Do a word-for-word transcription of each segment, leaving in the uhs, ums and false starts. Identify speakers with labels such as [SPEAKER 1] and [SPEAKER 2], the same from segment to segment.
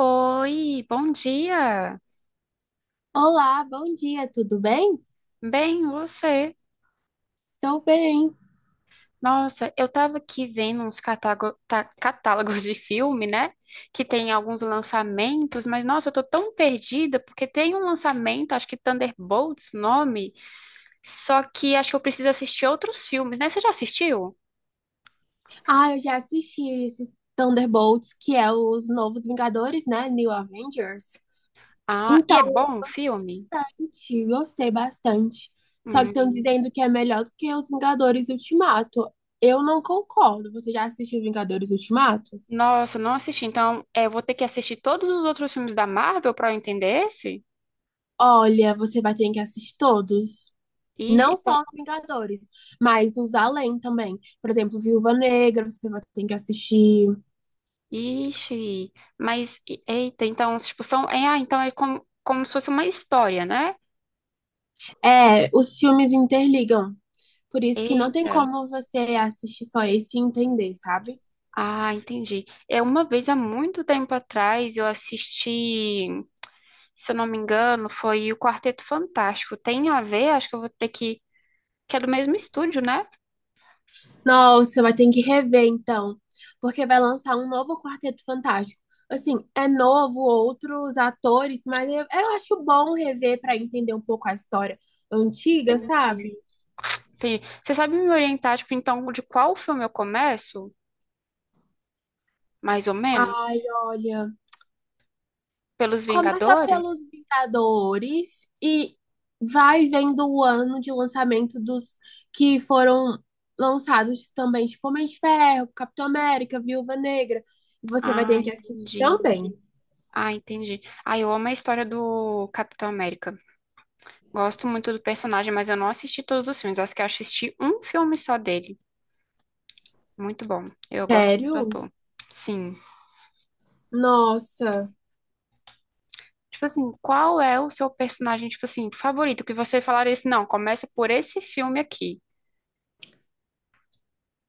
[SPEAKER 1] Oi, bom dia.
[SPEAKER 2] Olá, bom dia, tudo bem?
[SPEAKER 1] Bem, você?
[SPEAKER 2] Estou bem.
[SPEAKER 1] Nossa, eu tava aqui vendo uns catágo- tá- catálogos de filme, né? Que tem alguns lançamentos, mas nossa, eu tô tão perdida porque tem um lançamento, acho que Thunderbolts, o nome, só que acho que eu preciso assistir outros filmes, né? Você já assistiu?
[SPEAKER 2] Ah, eu já assisti esses Thunderbolts, que é os novos Vingadores, né? New Avengers.
[SPEAKER 1] Ah, e
[SPEAKER 2] Então,
[SPEAKER 1] é bom o filme?
[SPEAKER 2] gente, gostei bastante. Só que estão
[SPEAKER 1] Hum,
[SPEAKER 2] dizendo que é melhor do que os Vingadores Ultimato. Eu não concordo. Você já assistiu Vingadores Ultimato?
[SPEAKER 1] nossa, não assisti. Então, é, eu vou ter que assistir todos os outros filmes da Marvel pra eu entender esse?
[SPEAKER 2] Olha, você vai ter que assistir todos.
[SPEAKER 1] Ixi,
[SPEAKER 2] Não
[SPEAKER 1] então.
[SPEAKER 2] só os Vingadores, mas os além também. Por exemplo, Viúva Negra, você vai ter que assistir.
[SPEAKER 1] Ixi, mas e- eita, então, tipo, são, é, ah, então é como, como se fosse uma história, né?
[SPEAKER 2] É, os filmes interligam. Por isso que não tem
[SPEAKER 1] Eita,
[SPEAKER 2] como você assistir só esse e entender, sabe?
[SPEAKER 1] ah, entendi. É uma vez há muito tempo atrás eu assisti, se eu não me engano, foi o Quarteto Fantástico. Tem a ver? Acho que eu vou ter que, que é do mesmo estúdio, né?
[SPEAKER 2] Nossa, vai ter que rever então, porque vai lançar um novo Quarteto Fantástico. Assim, é novo, outros atores, mas eu, eu acho bom rever para entender um pouco a história antiga, sabe?
[SPEAKER 1] Entendi. Entendi. Você sabe me orientar, tipo, então, de qual filme eu começo? Mais ou menos?
[SPEAKER 2] Ai, olha,
[SPEAKER 1] Pelos
[SPEAKER 2] começa pelos
[SPEAKER 1] Vingadores?
[SPEAKER 2] Vingadores e vai vendo o ano de lançamento dos que foram lançados também, tipo Homem de Ferro, Capitão América, Viúva Negra. Você vai
[SPEAKER 1] Ah,
[SPEAKER 2] ter que assistir
[SPEAKER 1] entendi.
[SPEAKER 2] também.
[SPEAKER 1] Ah, entendi. Ah, eu amo a história do Capitão América. Gosto muito do personagem, mas eu não assisti todos os filmes. Acho que eu assisti um filme só dele. Muito bom. Eu gosto muito do
[SPEAKER 2] Sério?
[SPEAKER 1] ator. Sim.
[SPEAKER 2] Nossa.
[SPEAKER 1] Tipo assim, qual é o seu personagem, tipo assim, favorito? Que você falaria assim, não, começa por esse filme aqui.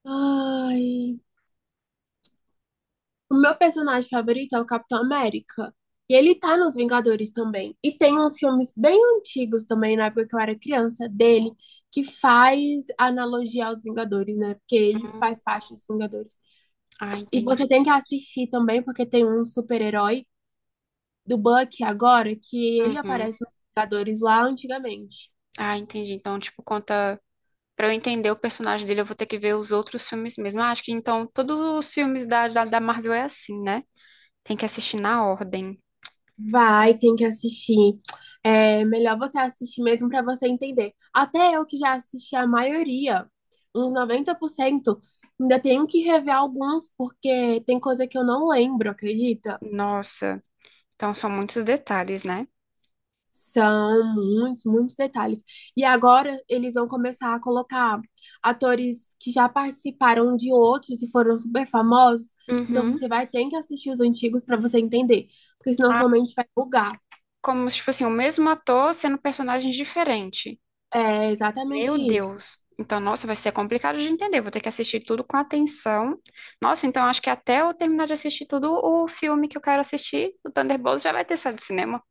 [SPEAKER 2] Ai. O meu personagem favorito é o Capitão América. E ele tá nos Vingadores também. E tem uns filmes bem antigos também, na época que eu era criança, dele, que faz analogia aos Vingadores, né? Porque ele
[SPEAKER 1] Hum,
[SPEAKER 2] faz parte dos Vingadores.
[SPEAKER 1] ah,
[SPEAKER 2] E você
[SPEAKER 1] entendi.
[SPEAKER 2] tem que assistir também, porque tem um super-herói do Bucky agora, que ele
[SPEAKER 1] Uhum.
[SPEAKER 2] aparece nos Vingadores lá antigamente.
[SPEAKER 1] Ah, entendi. Então, tipo, conta. Pra eu entender o personagem dele, eu vou ter que ver os outros filmes mesmo. Ah, acho que então todos os filmes da, da, da Marvel é assim, né? Tem que assistir na ordem.
[SPEAKER 2] Vai, tem que assistir. É melhor você assistir mesmo para você entender. Até eu que já assisti a maioria, uns noventa por cento ainda tenho que rever alguns porque tem coisa que eu não lembro, acredita?
[SPEAKER 1] Nossa. Então são muitos detalhes, né?
[SPEAKER 2] São muitos, muitos detalhes. E agora eles vão começar a colocar atores que já participaram de outros e foram super famosos. Então
[SPEAKER 1] Uhum.
[SPEAKER 2] você vai ter que assistir os antigos para você entender, porque senão
[SPEAKER 1] Ah,
[SPEAKER 2] sua mente vai bugar.
[SPEAKER 1] como, tipo assim, o mesmo ator sendo personagens diferentes.
[SPEAKER 2] É
[SPEAKER 1] Meu
[SPEAKER 2] exatamente isso.
[SPEAKER 1] Deus. Então, nossa, vai ser complicado de entender. Vou ter que assistir tudo com atenção. Nossa, então acho que até eu terminar de assistir tudo o filme que eu quero assistir, o Thunderbolts, já vai ter saído do cinema.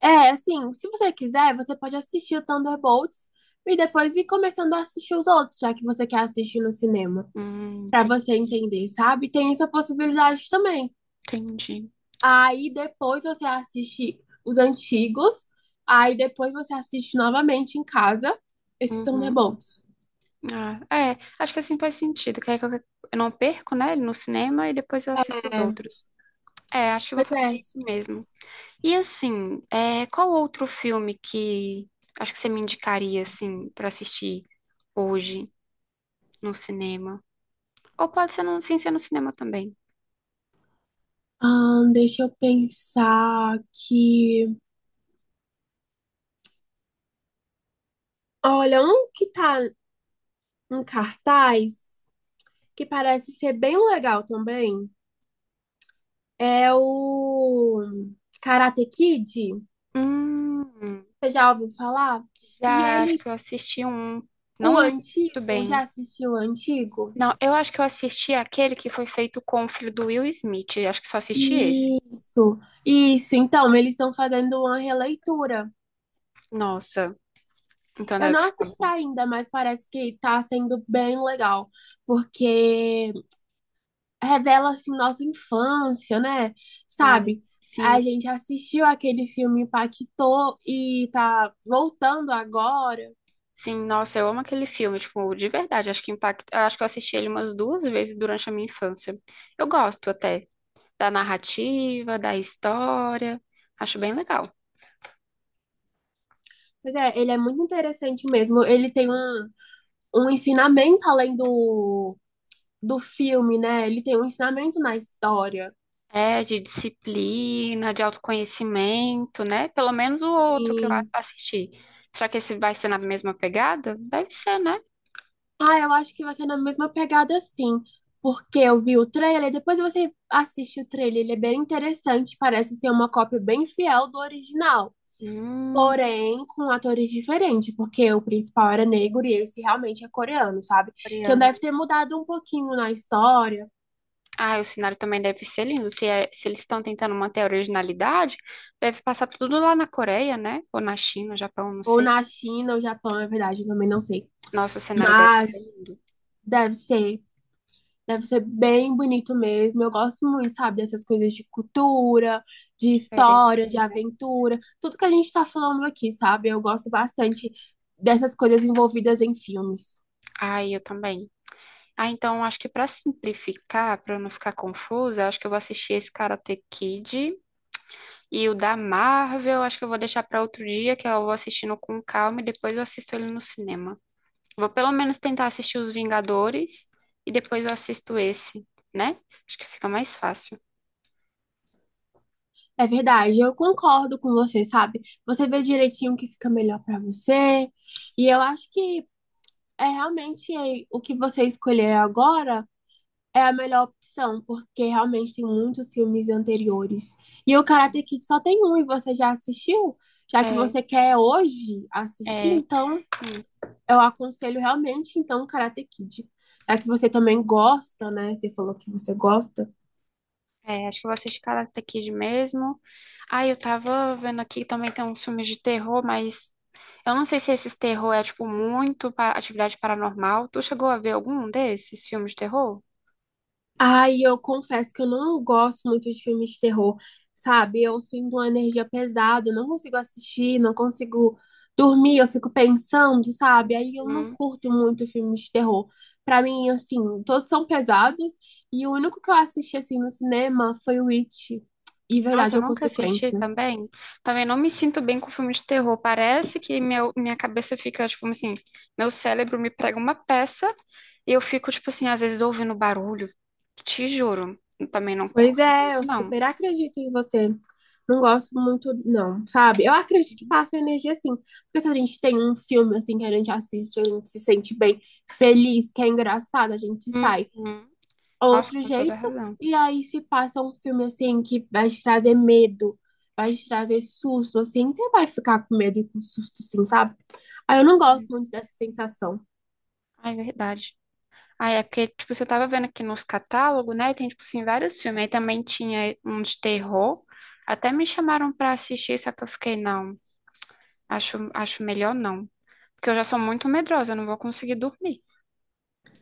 [SPEAKER 2] É, assim, se você quiser, você pode assistir o Thunderbolts e depois ir começando a assistir os outros, já que você quer assistir no cinema,
[SPEAKER 1] Hum,
[SPEAKER 2] pra
[SPEAKER 1] ente-
[SPEAKER 2] você entender, sabe? Tem essa possibilidade também.
[SPEAKER 1] Entendi.
[SPEAKER 2] Aí depois você assiste os antigos, aí depois você assiste novamente em casa esse
[SPEAKER 1] Uhum.
[SPEAKER 2] Thunderbolts.
[SPEAKER 1] Ah, é, acho que assim faz sentido. Que aí que eu eu não perco, né, ele no cinema e depois eu assisto os
[SPEAKER 2] É,
[SPEAKER 1] outros. É, acho que eu vou
[SPEAKER 2] pois
[SPEAKER 1] fazer
[SPEAKER 2] é.
[SPEAKER 1] isso mesmo. E assim, é, qual outro filme que acho que você me indicaria assim para assistir hoje no cinema? Ou pode ser no, sem ser no cinema também.
[SPEAKER 2] Ahn, deixa eu pensar que. Olha, um que tá em cartaz, que parece ser bem legal também. É o Karate Kid,
[SPEAKER 1] Hum,
[SPEAKER 2] você já ouviu falar? E
[SPEAKER 1] já acho
[SPEAKER 2] ele,
[SPEAKER 1] que eu assisti um, não
[SPEAKER 2] o
[SPEAKER 1] lembro muito
[SPEAKER 2] antigo, já
[SPEAKER 1] bem.
[SPEAKER 2] assistiu o antigo?
[SPEAKER 1] Não, eu acho que eu assisti aquele que foi feito com o filho do Will Smith. Acho que só assisti esse.
[SPEAKER 2] Isso, isso. Então, eles estão fazendo uma releitura.
[SPEAKER 1] Nossa, então
[SPEAKER 2] Eu
[SPEAKER 1] deve
[SPEAKER 2] não
[SPEAKER 1] ficar
[SPEAKER 2] assisti
[SPEAKER 1] bom.
[SPEAKER 2] ainda, mas parece que tá sendo bem legal, porque revela assim nossa infância, né?
[SPEAKER 1] Ai,
[SPEAKER 2] Sabe? A
[SPEAKER 1] sim.
[SPEAKER 2] gente assistiu aquele filme impactou e tá voltando agora.
[SPEAKER 1] Sim, nossa, eu amo aquele filme, tipo, de verdade, acho que impacta, acho que eu assisti ele umas duas vezes durante a minha infância. Eu gosto até da narrativa, da história, acho bem legal.
[SPEAKER 2] Pois é, ele é muito interessante mesmo. Ele tem um, um ensinamento além do, do filme, né? Ele tem um ensinamento na história.
[SPEAKER 1] É, de disciplina, de autoconhecimento, né? Pelo menos o outro que eu a-
[SPEAKER 2] E,
[SPEAKER 1] assisti. Será que esse vai ser na mesma pegada? Deve ser, né?
[SPEAKER 2] ah, eu acho que vai ser na mesma pegada assim, porque eu vi o trailer, depois você assiste o trailer, ele é bem interessante, parece ser uma cópia bem fiel do original.
[SPEAKER 1] Hum,
[SPEAKER 2] Porém, com atores diferentes, porque o principal era negro e esse realmente é coreano, sabe? Então
[SPEAKER 1] coreano.
[SPEAKER 2] deve ter mudado um pouquinho na história,
[SPEAKER 1] Ah, o cenário também deve ser lindo. Se, é- se eles estão tentando manter a originalidade, deve passar tudo lá na Coreia, né? Ou na China, Japão, não
[SPEAKER 2] ou
[SPEAKER 1] sei.
[SPEAKER 2] na China, ou Japão, é verdade, eu também não sei.
[SPEAKER 1] Nossa, o cenário deve ser
[SPEAKER 2] Mas
[SPEAKER 1] lindo,
[SPEAKER 2] deve ser, deve ser bem bonito mesmo. Eu gosto muito, sabe, dessas coisas de cultura, de
[SPEAKER 1] diferente,
[SPEAKER 2] história, de
[SPEAKER 1] né?
[SPEAKER 2] aventura, tudo que a gente tá falando aqui, sabe? Eu gosto bastante dessas coisas envolvidas em filmes.
[SPEAKER 1] Ai, eu também. Ah, então acho que pra simplificar, pra eu não ficar confusa, acho que eu vou assistir esse Karate Kid e o da Marvel, acho que eu vou deixar pra outro dia, que eu vou assistindo com calma e depois eu assisto ele no cinema. Vou pelo menos tentar assistir os Vingadores e depois eu assisto esse, né? Acho que fica mais fácil.
[SPEAKER 2] É verdade, eu concordo com você, sabe? Você vê direitinho o que fica melhor pra você. E eu acho que é realmente é, o que você escolher agora é a melhor opção, porque realmente tem muitos filmes anteriores. E o Karate Kid só tem um e você já assistiu? Já que
[SPEAKER 1] É,
[SPEAKER 2] você quer hoje assistir,
[SPEAKER 1] é,
[SPEAKER 2] então
[SPEAKER 1] sim,
[SPEAKER 2] eu aconselho realmente então o Karate Kid. Já que você também gosta, né? Você falou que você gosta.
[SPEAKER 1] é, acho que eu vou assistir Karate Kid mesmo. Ah, eu tava vendo aqui também tem uns filmes de terror, mas eu não sei se esses terror é, tipo, muito para atividade paranormal. Tu chegou a ver algum desses filmes de terror?
[SPEAKER 2] Ai, eu confesso que eu não gosto muito de filmes de terror, sabe? Eu sinto uma energia pesada, eu não consigo assistir, não consigo dormir, eu fico pensando, sabe? Aí eu não
[SPEAKER 1] Hum.
[SPEAKER 2] curto muito filmes de terror. Pra mim, assim, todos são pesados e o único que eu assisti assim no cinema foi o It e
[SPEAKER 1] Nossa,
[SPEAKER 2] Verdade
[SPEAKER 1] eu
[SPEAKER 2] ou
[SPEAKER 1] nunca assisti
[SPEAKER 2] Consequência.
[SPEAKER 1] também. Também não me sinto bem com filme de terror. Parece que meu, minha cabeça fica, tipo assim, meu cérebro me prega uma peça e eu fico, tipo assim, às vezes ouvindo barulho. Te juro. Eu também não
[SPEAKER 2] Pois
[SPEAKER 1] curto
[SPEAKER 2] é,
[SPEAKER 1] muito,
[SPEAKER 2] eu
[SPEAKER 1] não.
[SPEAKER 2] super acredito em você. Não gosto muito, não, sabe? Eu acredito que passa energia assim. Porque se a gente tem um filme assim que a gente assiste, a gente se sente bem, feliz, que é engraçado, a gente sai
[SPEAKER 1] Uhum. Nossa,
[SPEAKER 2] outro
[SPEAKER 1] com toda
[SPEAKER 2] jeito.
[SPEAKER 1] razão.
[SPEAKER 2] E aí se passa um filme assim que vai te trazer medo, vai te trazer susto, assim, você vai ficar com medo e com susto, sim, sabe? Aí eu não gosto
[SPEAKER 1] Sim.
[SPEAKER 2] muito dessa sensação.
[SPEAKER 1] Ai, verdade. Ah, é porque, tipo, se eu tava vendo aqui nos catálogos, né? Tem, tipo, assim, vários filmes. Aí também tinha um de terror. Até me chamaram pra assistir, só que eu fiquei, não, acho, acho melhor não. Porque eu já sou muito medrosa, eu não vou conseguir dormir.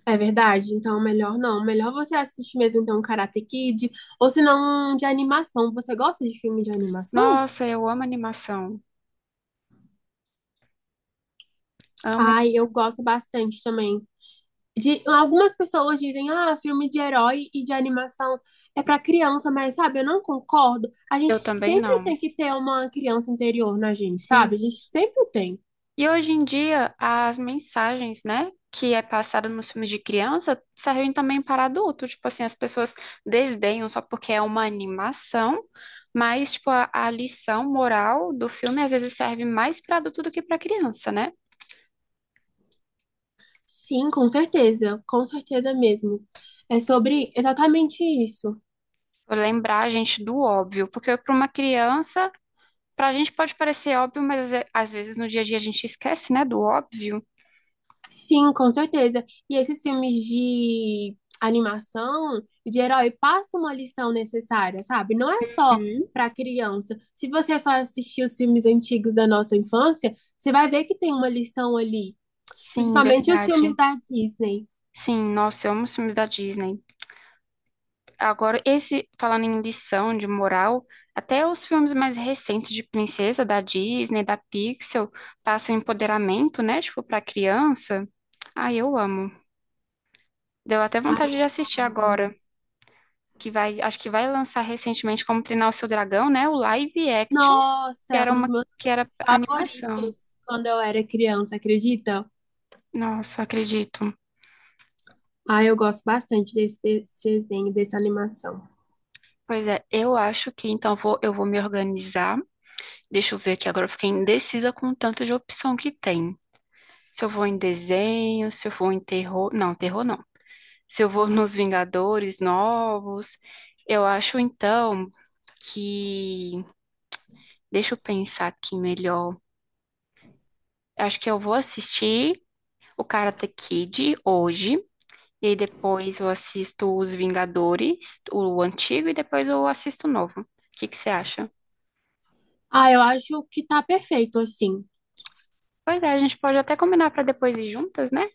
[SPEAKER 2] É verdade, então melhor não. Melhor você assistir mesmo então Karate Kid, ou se não um de animação. Você gosta de filme de animação?
[SPEAKER 1] Nossa, eu amo animação. Amo.
[SPEAKER 2] Ai, eu gosto bastante também. De, algumas pessoas dizem, ah, filme de herói e de animação é pra criança, mas sabe, eu não concordo. A gente
[SPEAKER 1] Eu também
[SPEAKER 2] sempre
[SPEAKER 1] não.
[SPEAKER 2] tem que ter uma criança interior na gente, sabe? A
[SPEAKER 1] Sim.
[SPEAKER 2] gente sempre tem.
[SPEAKER 1] E hoje em dia, as mensagens, né, que é passada nos filmes de criança, servem também para adulto. Tipo assim, as pessoas desdenham só porque é uma animação, mas, tipo, a, a lição moral do filme às vezes serve mais para adulto do que para criança, né?
[SPEAKER 2] Sim, com certeza, com certeza mesmo. É sobre exatamente isso.
[SPEAKER 1] Pra lembrar a gente do óbvio, porque para uma criança, para a gente pode parecer óbvio, mas é- às vezes no dia a dia a gente esquece, né, do óbvio.
[SPEAKER 2] Sim, com certeza. E esses filmes de animação, de herói, passam uma lição necessária, sabe? Não é só
[SPEAKER 1] Uhum.
[SPEAKER 2] para criança. Se você for assistir os filmes antigos da nossa infância, você vai ver que tem uma lição ali.
[SPEAKER 1] Sim,
[SPEAKER 2] Principalmente os
[SPEAKER 1] verdade.
[SPEAKER 2] filmes da Disney.
[SPEAKER 1] Sim, nossa, eu amo os filmes da Disney. Agora, esse, falando em lição de moral, até os filmes mais recentes de princesa, da Disney, da Pixel, passam empoderamento, né? Tipo, pra criança. Ah, eu amo. Deu até
[SPEAKER 2] Ai,
[SPEAKER 1] vontade
[SPEAKER 2] eu
[SPEAKER 1] de assistir
[SPEAKER 2] amo também.
[SPEAKER 1] agora, que vai, acho que vai lançar recentemente Como Treinar o Seu Dragão, né? O live action,
[SPEAKER 2] Nossa,
[SPEAKER 1] que
[SPEAKER 2] é um
[SPEAKER 1] era
[SPEAKER 2] dos
[SPEAKER 1] uma,
[SPEAKER 2] meus
[SPEAKER 1] que
[SPEAKER 2] filmes
[SPEAKER 1] era animação.
[SPEAKER 2] favoritos quando eu era criança, acredita?
[SPEAKER 1] Nossa, acredito.
[SPEAKER 2] Ah, eu gosto bastante desse, desse desenho, dessa animação.
[SPEAKER 1] Pois é, eu acho que então vou, eu vou me organizar. Deixa eu ver aqui agora, eu fiquei indecisa com o tanto de opção que tem. Se eu vou em desenho, se eu vou em terror. Não, terror não. Se eu vou nos Vingadores novos. Eu acho então que. Deixa eu pensar aqui melhor. Acho que eu vou assistir o Karate Kid hoje. E aí depois eu assisto os Vingadores, o antigo, e depois eu assisto o novo. O que que você acha?
[SPEAKER 2] Ah, eu acho que tá perfeito assim.
[SPEAKER 1] Pois é, a gente pode até combinar para depois ir juntas, né?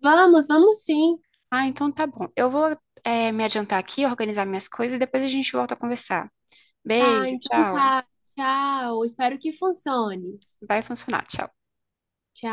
[SPEAKER 2] Vamos, vamos sim.
[SPEAKER 1] Ah, então tá bom. Eu vou, eh, me adiantar aqui, organizar minhas coisas e depois a gente volta a conversar.
[SPEAKER 2] Tá,
[SPEAKER 1] Beijo,
[SPEAKER 2] então
[SPEAKER 1] tchau.
[SPEAKER 2] tá. Tchau. Espero que funcione.
[SPEAKER 1] Vai funcionar. Tchau.